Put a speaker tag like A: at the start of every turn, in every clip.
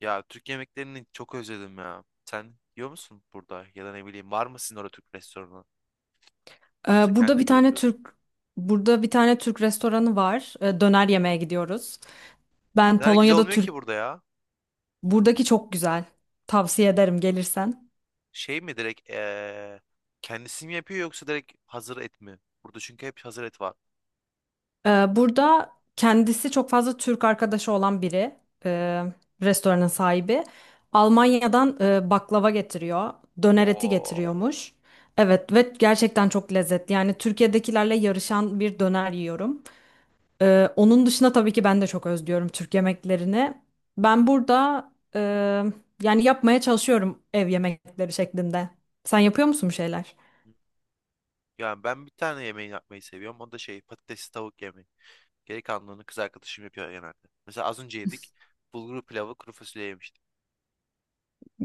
A: Ya Türk yemeklerini çok özledim ya. Sen yiyor musun burada? Ya da ne bileyim, var mı sizin orada Türk restoranı? Yoksa
B: Burada
A: kendin
B: bir
A: mi
B: tane
A: yapıyorsun?
B: Türk restoranı var. Döner yemeye gidiyoruz. Ben
A: Neler güzel
B: Polonya'da
A: olmuyor
B: Türk
A: ki burada ya.
B: buradaki çok güzel. Tavsiye ederim gelirsen.
A: Şey mi direkt kendisi mi yapıyor yoksa direkt hazır et mi? Burada çünkü hep hazır et var.
B: Burada kendisi çok fazla Türk arkadaşı olan biri, e, restoranın sahibi. Almanya'dan baklava getiriyor, döner eti
A: Oo.
B: getiriyormuş. Evet ve gerçekten çok lezzetli. Yani Türkiye'dekilerle yarışan bir döner yiyorum. Onun dışında tabii ki ben de çok özlüyorum Türk yemeklerini. Ben burada e, yani yapmaya çalışıyorum ev yemekleri şeklinde. Sen yapıyor musun bir şeyler?
A: Yani ben bir tane yemeği yapmayı seviyorum. O da şey patatesli tavuk yemeği. Geri kalanını kız arkadaşım yapıyor genelde. Mesela az önce yedik. Bulgur pilavı kuru fasulye yemiştik.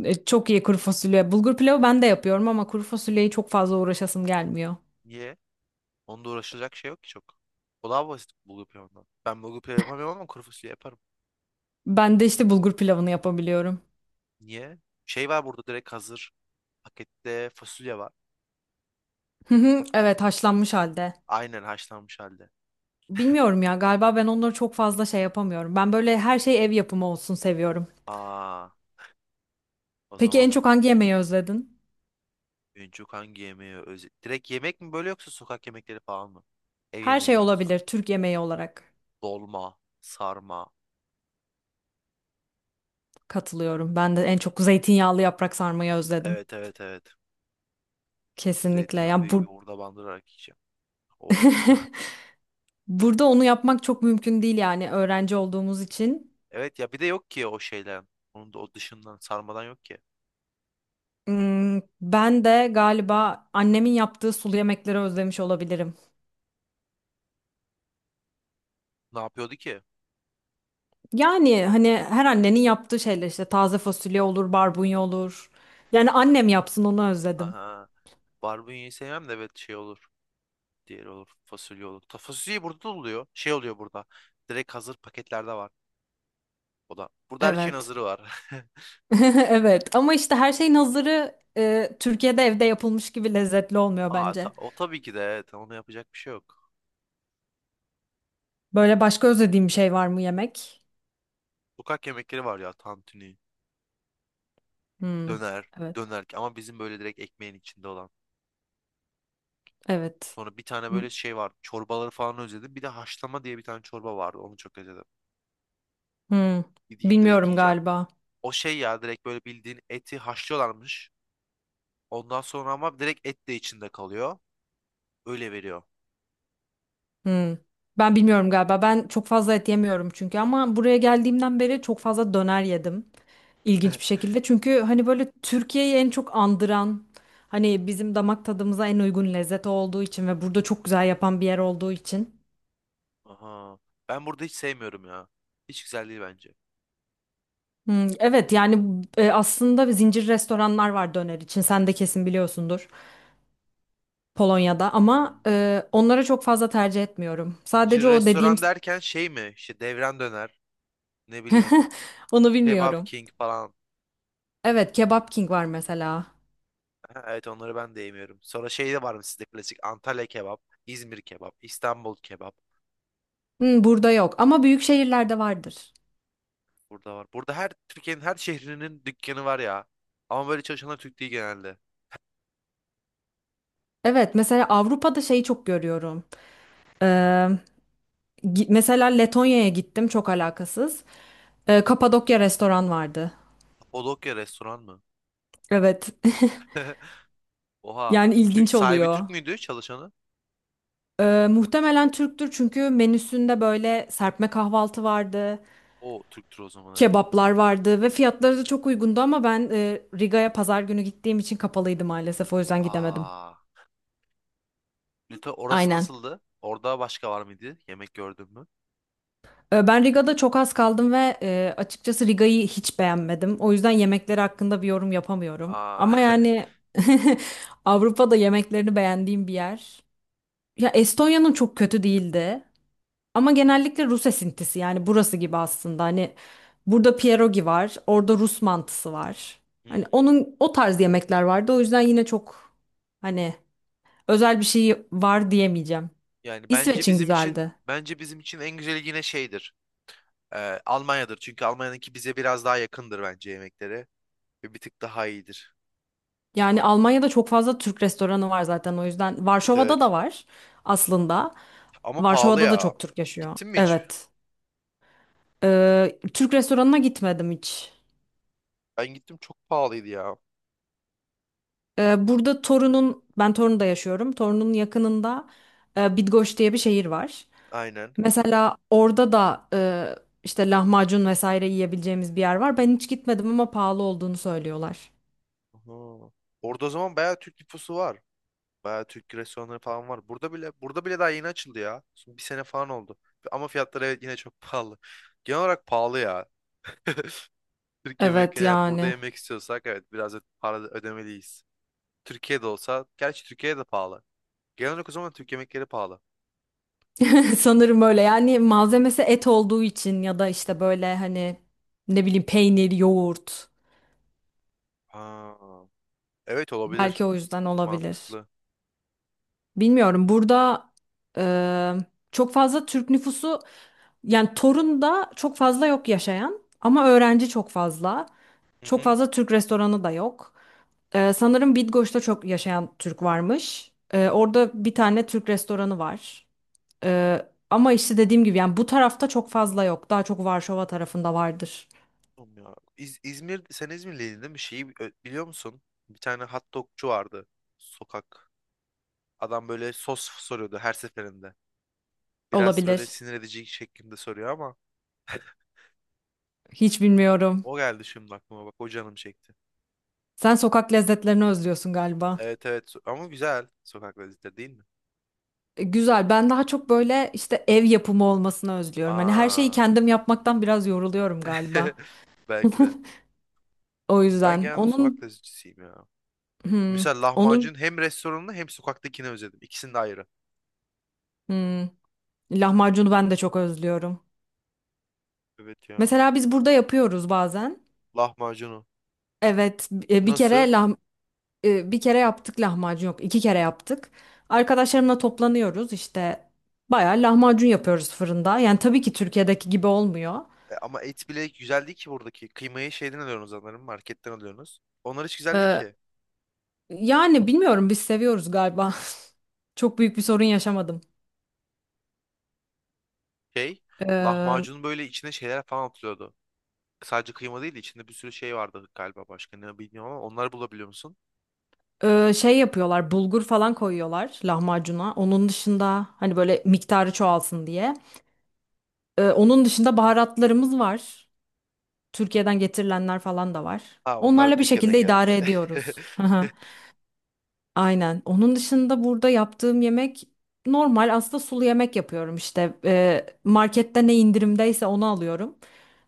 B: E, çok iyi kuru fasulye. Bulgur pilavı ben de yapıyorum ama kuru fasulyeyi çok fazla uğraşasım gelmiyor.
A: Niye? Onda uğraşılacak şey yok ki çok. O daha basit bulgur pilavından. Ben bulgur pilavı yapamıyorum ama kuru fasulye yaparım.
B: Ben de işte bulgur pilavını yapabiliyorum.
A: Niye? Şey var burada direkt hazır. Pakette fasulye var.
B: Hı hı. Evet, haşlanmış halde.
A: Aynen haşlanmış halde.
B: Bilmiyorum ya, galiba ben onları çok fazla şey yapamıyorum. Ben böyle her şey ev yapımı olsun seviyorum.
A: Aa, o
B: Peki en
A: zaman
B: çok
A: bir
B: hangi
A: tık
B: yemeği
A: da
B: özledin?
A: en çok hangi yemeği direkt yemek mi böyle yoksa sokak yemekleri falan mı? Ev
B: Her
A: yemeği
B: şey
A: mi yoksa?
B: olabilir Türk yemeği olarak.
A: Dolma, sarma.
B: Katılıyorum. Ben de en çok zeytinyağlı yaprak sarmayı özledim.
A: Evet, evet, evet.
B: Kesinlikle.
A: Zeytinyağı bir
B: Yani bu
A: yoğurda bandırarak yiyeceğim. Of.
B: burada onu yapmak çok mümkün değil yani öğrenci olduğumuz için.
A: Evet ya, bir de yok ki o şeyden. Onun da o dışından sarmadan yok ki.
B: Hmm. Ben de galiba annemin yaptığı sulu yemekleri özlemiş olabilirim.
A: Ne yapıyordu ki?
B: Yani hani her annenin yaptığı şeyler işte taze fasulye olur, barbunya olur. Yani annem yapsın onu özledim.
A: Aha. Barbunya'yı sevmem de, evet, şey olur. Diğeri olur. Fasulye olur. Ta fasulyeyi burada da oluyor. Şey oluyor burada. Direkt hazır paketlerde var. O da. Burada her şeyin
B: Evet.
A: hazırı var.
B: Evet ama işte her şeyin hazırı Türkiye'de evde yapılmış gibi lezzetli olmuyor
A: Aa,
B: bence.
A: o tabii ki de, evet. Ona yapacak bir şey yok.
B: Böyle başka özlediğim bir şey var mı yemek?
A: Sokak yemekleri var ya. Tantuni,
B: Hmm,
A: döner,
B: evet,
A: döner. Ama bizim böyle direkt ekmeğin içinde olan.
B: evet.
A: Sonra bir tane
B: Hmm,
A: böyle şey var. Çorbaları falan özledim. Bir de haşlama diye bir tane çorba vardı. Onu çok özledim.
B: hmm.
A: Gideyim direkt
B: Bilmiyorum
A: yiyeceğim.
B: galiba.
A: O şey ya, direkt böyle bildiğin eti haşlıyorlarmış. Ondan sonra ama direkt et de içinde kalıyor. Öyle veriyor.
B: Hmm. Ben bilmiyorum galiba. Ben çok fazla et yemiyorum çünkü ama buraya geldiğimden beri çok fazla döner yedim. İlginç bir şekilde. Çünkü hani böyle Türkiye'yi en çok andıran, hani bizim damak tadımıza en uygun lezzet olduğu için ve burada çok güzel yapan bir yer olduğu için.
A: Aha. Ben burada hiç sevmiyorum ya. Hiç güzel değil bence.
B: Hmm, evet yani aslında zincir restoranlar var döner için. Sen de kesin biliyorsundur. Polonya'da ama
A: Hmm.
B: onlara çok fazla tercih etmiyorum. Sadece o dediğim
A: Restoran derken şey mi? İşte devran döner. Ne bileyim.
B: Onu
A: Kebap
B: bilmiyorum.
A: King falan.
B: Evet, Kebap King var mesela.
A: Ha, evet, onları ben de yemiyorum. Sonra şey de var mı sizde klasik? Antalya kebap, İzmir kebap, İstanbul kebap.
B: Hmm, burada yok ama büyük şehirlerde vardır.
A: Burada var. Burada her Türkiye'nin her şehrinin dükkanı var ya. Ama böyle çalışanlar Türk değil genelde.
B: Evet, mesela Avrupa'da şeyi çok görüyorum. Ee, Mesela Letonya'ya gittim, çok alakasız. Kapadokya restoran vardı.
A: Kapadokya restoran mı?
B: Evet.
A: Oha.
B: Yani
A: Türk,
B: ilginç
A: sahibi
B: oluyor.
A: Türk müydü, çalışanı?
B: Muhtemelen Türktür çünkü menüsünde böyle serpme kahvaltı vardı,
A: O Türktür o zaman, evet.
B: kebaplar vardı ve fiyatları da çok uygundu ama ben Riga'ya pazar günü gittiğim için kapalıydı maalesef, o yüzden gidemedim.
A: Aa. Lütfen, orası
B: Aynen.
A: nasıldı? Orada başka var mıydı? Yemek gördün mü?
B: Ben Riga'da çok az kaldım ve açıkçası Riga'yı hiç beğenmedim. O yüzden yemekleri hakkında bir yorum yapamıyorum.
A: Aa,
B: Ama yani Avrupa'da yemeklerini beğendiğim bir yer. Ya Estonya'nın çok kötü değildi. Ama genellikle Rus esintisi, yani burası gibi aslında. Hani burada pierogi var, orada Rus mantısı var. Hani
A: hmm.
B: onun o tarz yemekler vardı. O yüzden yine çok hani özel bir şey var diyemeyeceğim.
A: Yani bence
B: İsveç'in
A: bizim için
B: güzeldi.
A: bence bizim için en güzeli yine şeydir. Almanya'dır. Çünkü Almanya'daki bize biraz daha yakındır bence yemekleri. Ve bir tık daha iyidir.
B: Yani Almanya'da çok fazla Türk restoranı var zaten o yüzden.
A: Evet,
B: Varşova'da
A: evet.
B: da var aslında.
A: Ama pahalı
B: Varşova'da da
A: ya.
B: çok Türk yaşıyor.
A: Gittin mi hiç?
B: Evet. Türk restoranına gitmedim hiç.
A: Ben gittim, çok pahalıydı ya.
B: Burada Torun'un, ben Torun'da yaşıyorum. Torun'un yakınında Bidgoş diye bir şehir var.
A: Aynen.
B: Mesela orada da işte lahmacun vesaire yiyebileceğimiz bir yer var. Ben hiç gitmedim ama pahalı olduğunu söylüyorlar.
A: Aha. Orada o zaman bayağı Türk nüfusu var. Bayağı Türk restoranları falan var. Burada bile daha yeni açıldı ya. Şimdi bir sene falan oldu. Ama fiyatları, evet, yine çok pahalı. Genel olarak pahalı ya. Türk
B: Evet
A: yemekleri, yani burada
B: yani.
A: yemek istiyorsak evet biraz da para ödemeliyiz. Türkiye'de olsa, gerçi Türkiye'de de pahalı. Genel olarak o zaman Türk yemekleri pahalı.
B: Sanırım öyle, yani malzemesi et olduğu için ya da işte böyle hani ne bileyim peynir, yoğurt
A: Ha, evet olabilir.
B: belki o yüzden olabilir.
A: Mantıklı.
B: Bilmiyorum, burada e, çok fazla Türk nüfusu, yani Torun'da çok fazla yok yaşayan ama öğrenci çok fazla.
A: Hı
B: Çok
A: hı.
B: fazla Türk restoranı da yok. E, sanırım Bitgoç'ta çok yaşayan Türk varmış. E, orada bir tane Türk restoranı var. E, ama işte dediğim gibi yani bu tarafta çok fazla yok. Daha çok Varşova tarafında vardır.
A: Oğlum ya. İzmir, sen İzmirliydin değil mi? Biliyor musun? Bir tane hot dogçu vardı. Sokak. Adam böyle sos soruyordu her seferinde. Biraz böyle
B: Olabilir.
A: sinir edici şeklinde soruyor ama
B: Hiç bilmiyorum.
A: o geldi şimdi aklıma, bak o canım çekti.
B: Sen sokak lezzetlerini özlüyorsun galiba.
A: Evet, evet, so, ama güzel sokak lezzetleri değil mi?
B: E, güzel. Ben daha çok böyle işte ev yapımı olmasını özlüyorum. Hani her şeyi
A: Aa.
B: kendim yapmaktan biraz yoruluyorum galiba.
A: Belki de.
B: O
A: Ben
B: yüzden
A: genelde sokak lezzetçisiyim ya.
B: hmm,
A: Mesela
B: onun
A: lahmacun hem restoranını hem sokaktakini özledim. İkisini de ayrı.
B: hmm, lahmacunu ben de çok özlüyorum.
A: Evet ya.
B: Mesela biz burada yapıyoruz bazen.
A: Lahmacunu.
B: Evet,
A: Nasıl?
B: bir kere yaptık lahmacun yok, iki kere yaptık. Arkadaşlarımla toplanıyoruz, işte bayağı lahmacun yapıyoruz fırında. Yani tabii ki Türkiye'deki gibi olmuyor.
A: Ama et bile güzel değil ki buradaki. Kıymayı şeyden alıyorsunuz sanırım. Marketten alıyorsunuz. Onlar hiç güzel değil
B: Ee,
A: ki.
B: Yani bilmiyorum biz seviyoruz galiba. Çok büyük bir sorun yaşamadım.
A: Şey,
B: Ee,
A: lahmacunun böyle içine şeyler falan atılıyordu. Sadece kıyma değil de içinde bir sürü şey vardı galiba, başka ne bilmiyorum ama onları bulabiliyor musun?
B: Şey yapıyorlar, bulgur falan koyuyorlar lahmacuna. Onun dışında hani böyle miktarı çoğalsın diye. Onun dışında baharatlarımız var. Türkiye'den getirilenler falan da var.
A: Ha, onlar da
B: Onlarla bir
A: Türkiye'den
B: şekilde idare
A: geldi.
B: ediyoruz. Aynen. Onun dışında burada yaptığım yemek normal, aslında sulu yemek yapıyorum işte. Markette ne indirimdeyse onu alıyorum.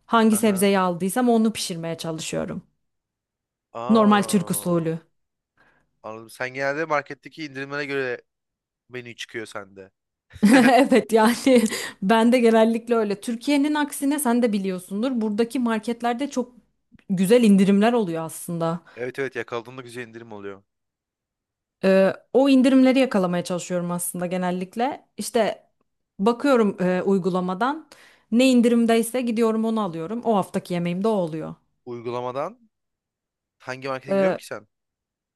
B: Hangi
A: Aha.
B: sebzeyi aldıysam onu pişirmeye çalışıyorum. Normal Türk
A: Aa,
B: usulü.
A: anladım. Sen genelde marketteki indirimlere göre menü çıkıyor sende.
B: Evet yani ben de genellikle öyle. Türkiye'nin aksine sen de biliyorsundur. Buradaki marketlerde çok güzel indirimler oluyor aslında.
A: Evet, evet, yakaladığında güzel indirim oluyor.
B: O indirimleri yakalamaya çalışıyorum aslında genellikle. İşte bakıyorum uygulamadan ne indirimdeyse gidiyorum onu alıyorum. O haftaki yemeğim de o oluyor.
A: Uygulamadan hangi markete gidiyorsun
B: Ee,
A: ki sen?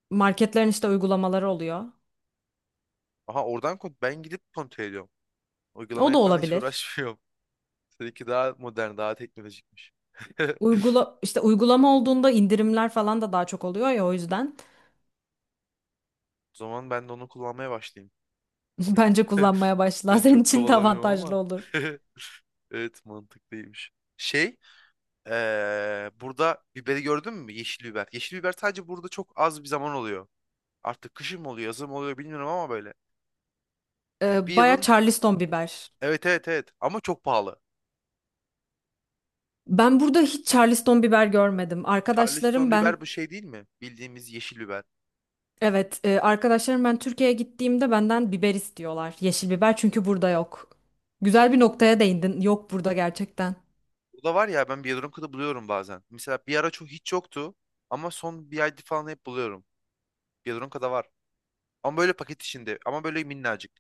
B: Marketlerin işte uygulamaları oluyor.
A: Aha, oradan ben gidip kontrol ediyorum.
B: O
A: Uygulamaya
B: da
A: falan hiç
B: olabilir.
A: uğraşmıyorum. Seninki daha modern, daha teknolojikmiş.
B: Uygulama olduğunda indirimler falan da daha çok oluyor ya, o yüzden
A: O zaman ben de onu kullanmaya başlayayım.
B: bence kullanmaya başla.
A: Ben
B: Senin
A: çok
B: için de
A: kovalamıyorum
B: avantajlı
A: ama.
B: olur.
A: Evet, mantıklıymış. Şey, burada biberi gördün mü? Yeşil biber. Yeşil biber sadece burada çok az bir zaman oluyor. Artık kışın mı oluyor, yazın mı oluyor bilmiyorum ama böyle. Bir
B: Baya
A: yılın.
B: Charleston biber.
A: Evet, evet, evet, ama çok pahalı.
B: Ben burada hiç Charleston biber görmedim.
A: Charleston
B: Arkadaşlarım ben
A: biber bu şey değil mi? Bildiğimiz yeşil biber.
B: Evet, arkadaşlarım ben Türkiye'ye gittiğimde benden biber istiyorlar. Yeşil biber çünkü burada yok. Güzel bir noktaya değindin. Yok burada gerçekten.
A: Bu da var ya, ben Biyedonka'da buluyorum bazen. Mesela bir ara çok hiç yoktu ama son bir ayda falan hep buluyorum. Biyedonka'da var. Ama böyle paket içinde, ama böyle minnacık.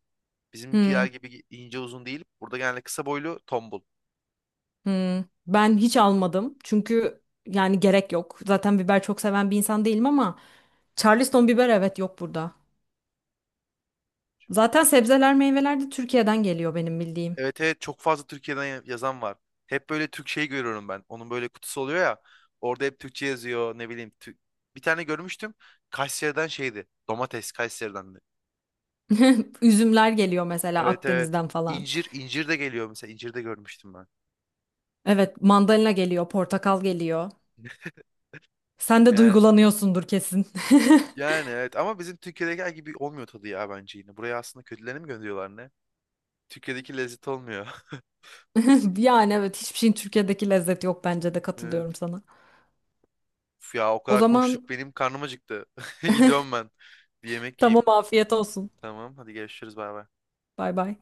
A: Bizimkiler
B: Hmm,
A: gibi ince uzun değil. Burada genelde kısa boylu tombul.
B: hmm. Ben hiç almadım. Çünkü yani gerek yok. Zaten biber çok seven bir insan değilim ama Charleston biber, evet, yok burada. Zaten sebzeler, meyveler de Türkiye'den geliyor benim bildiğim.
A: Evet, evet, çok fazla Türkiye'den yazan var. Hep böyle Türk şey görüyorum ben. Onun böyle kutusu oluyor ya. Orada hep Türkçe yazıyor, ne bileyim. Bir tane görmüştüm. Kayseri'den şeydi. Domates Kayseri'den.
B: Üzümler geliyor mesela
A: Evet, evet.
B: Akdeniz'den falan.
A: İncir de geliyor mesela. İncir de görmüştüm ben.
B: Evet, mandalina geliyor, portakal geliyor. Sen de
A: Yani,
B: duygulanıyorsundur kesin.
A: yani evet, ama bizim Türkiye'deki gibi olmuyor tadı ya bence yine. Buraya aslında kötülerini mi gönderiyorlar ne? Türkiye'deki lezzet olmuyor.
B: Yani evet, hiçbir şeyin Türkiye'deki lezzeti yok bence de,
A: Evet.
B: katılıyorum sana.
A: Uf ya, o
B: O
A: kadar
B: zaman
A: konuştuk benim karnım acıktı. Gidiyorum ben. Bir yemek
B: tamam,
A: yiyeyim.
B: afiyet olsun.
A: Tamam hadi, görüşürüz, bay bay.
B: Bay bay.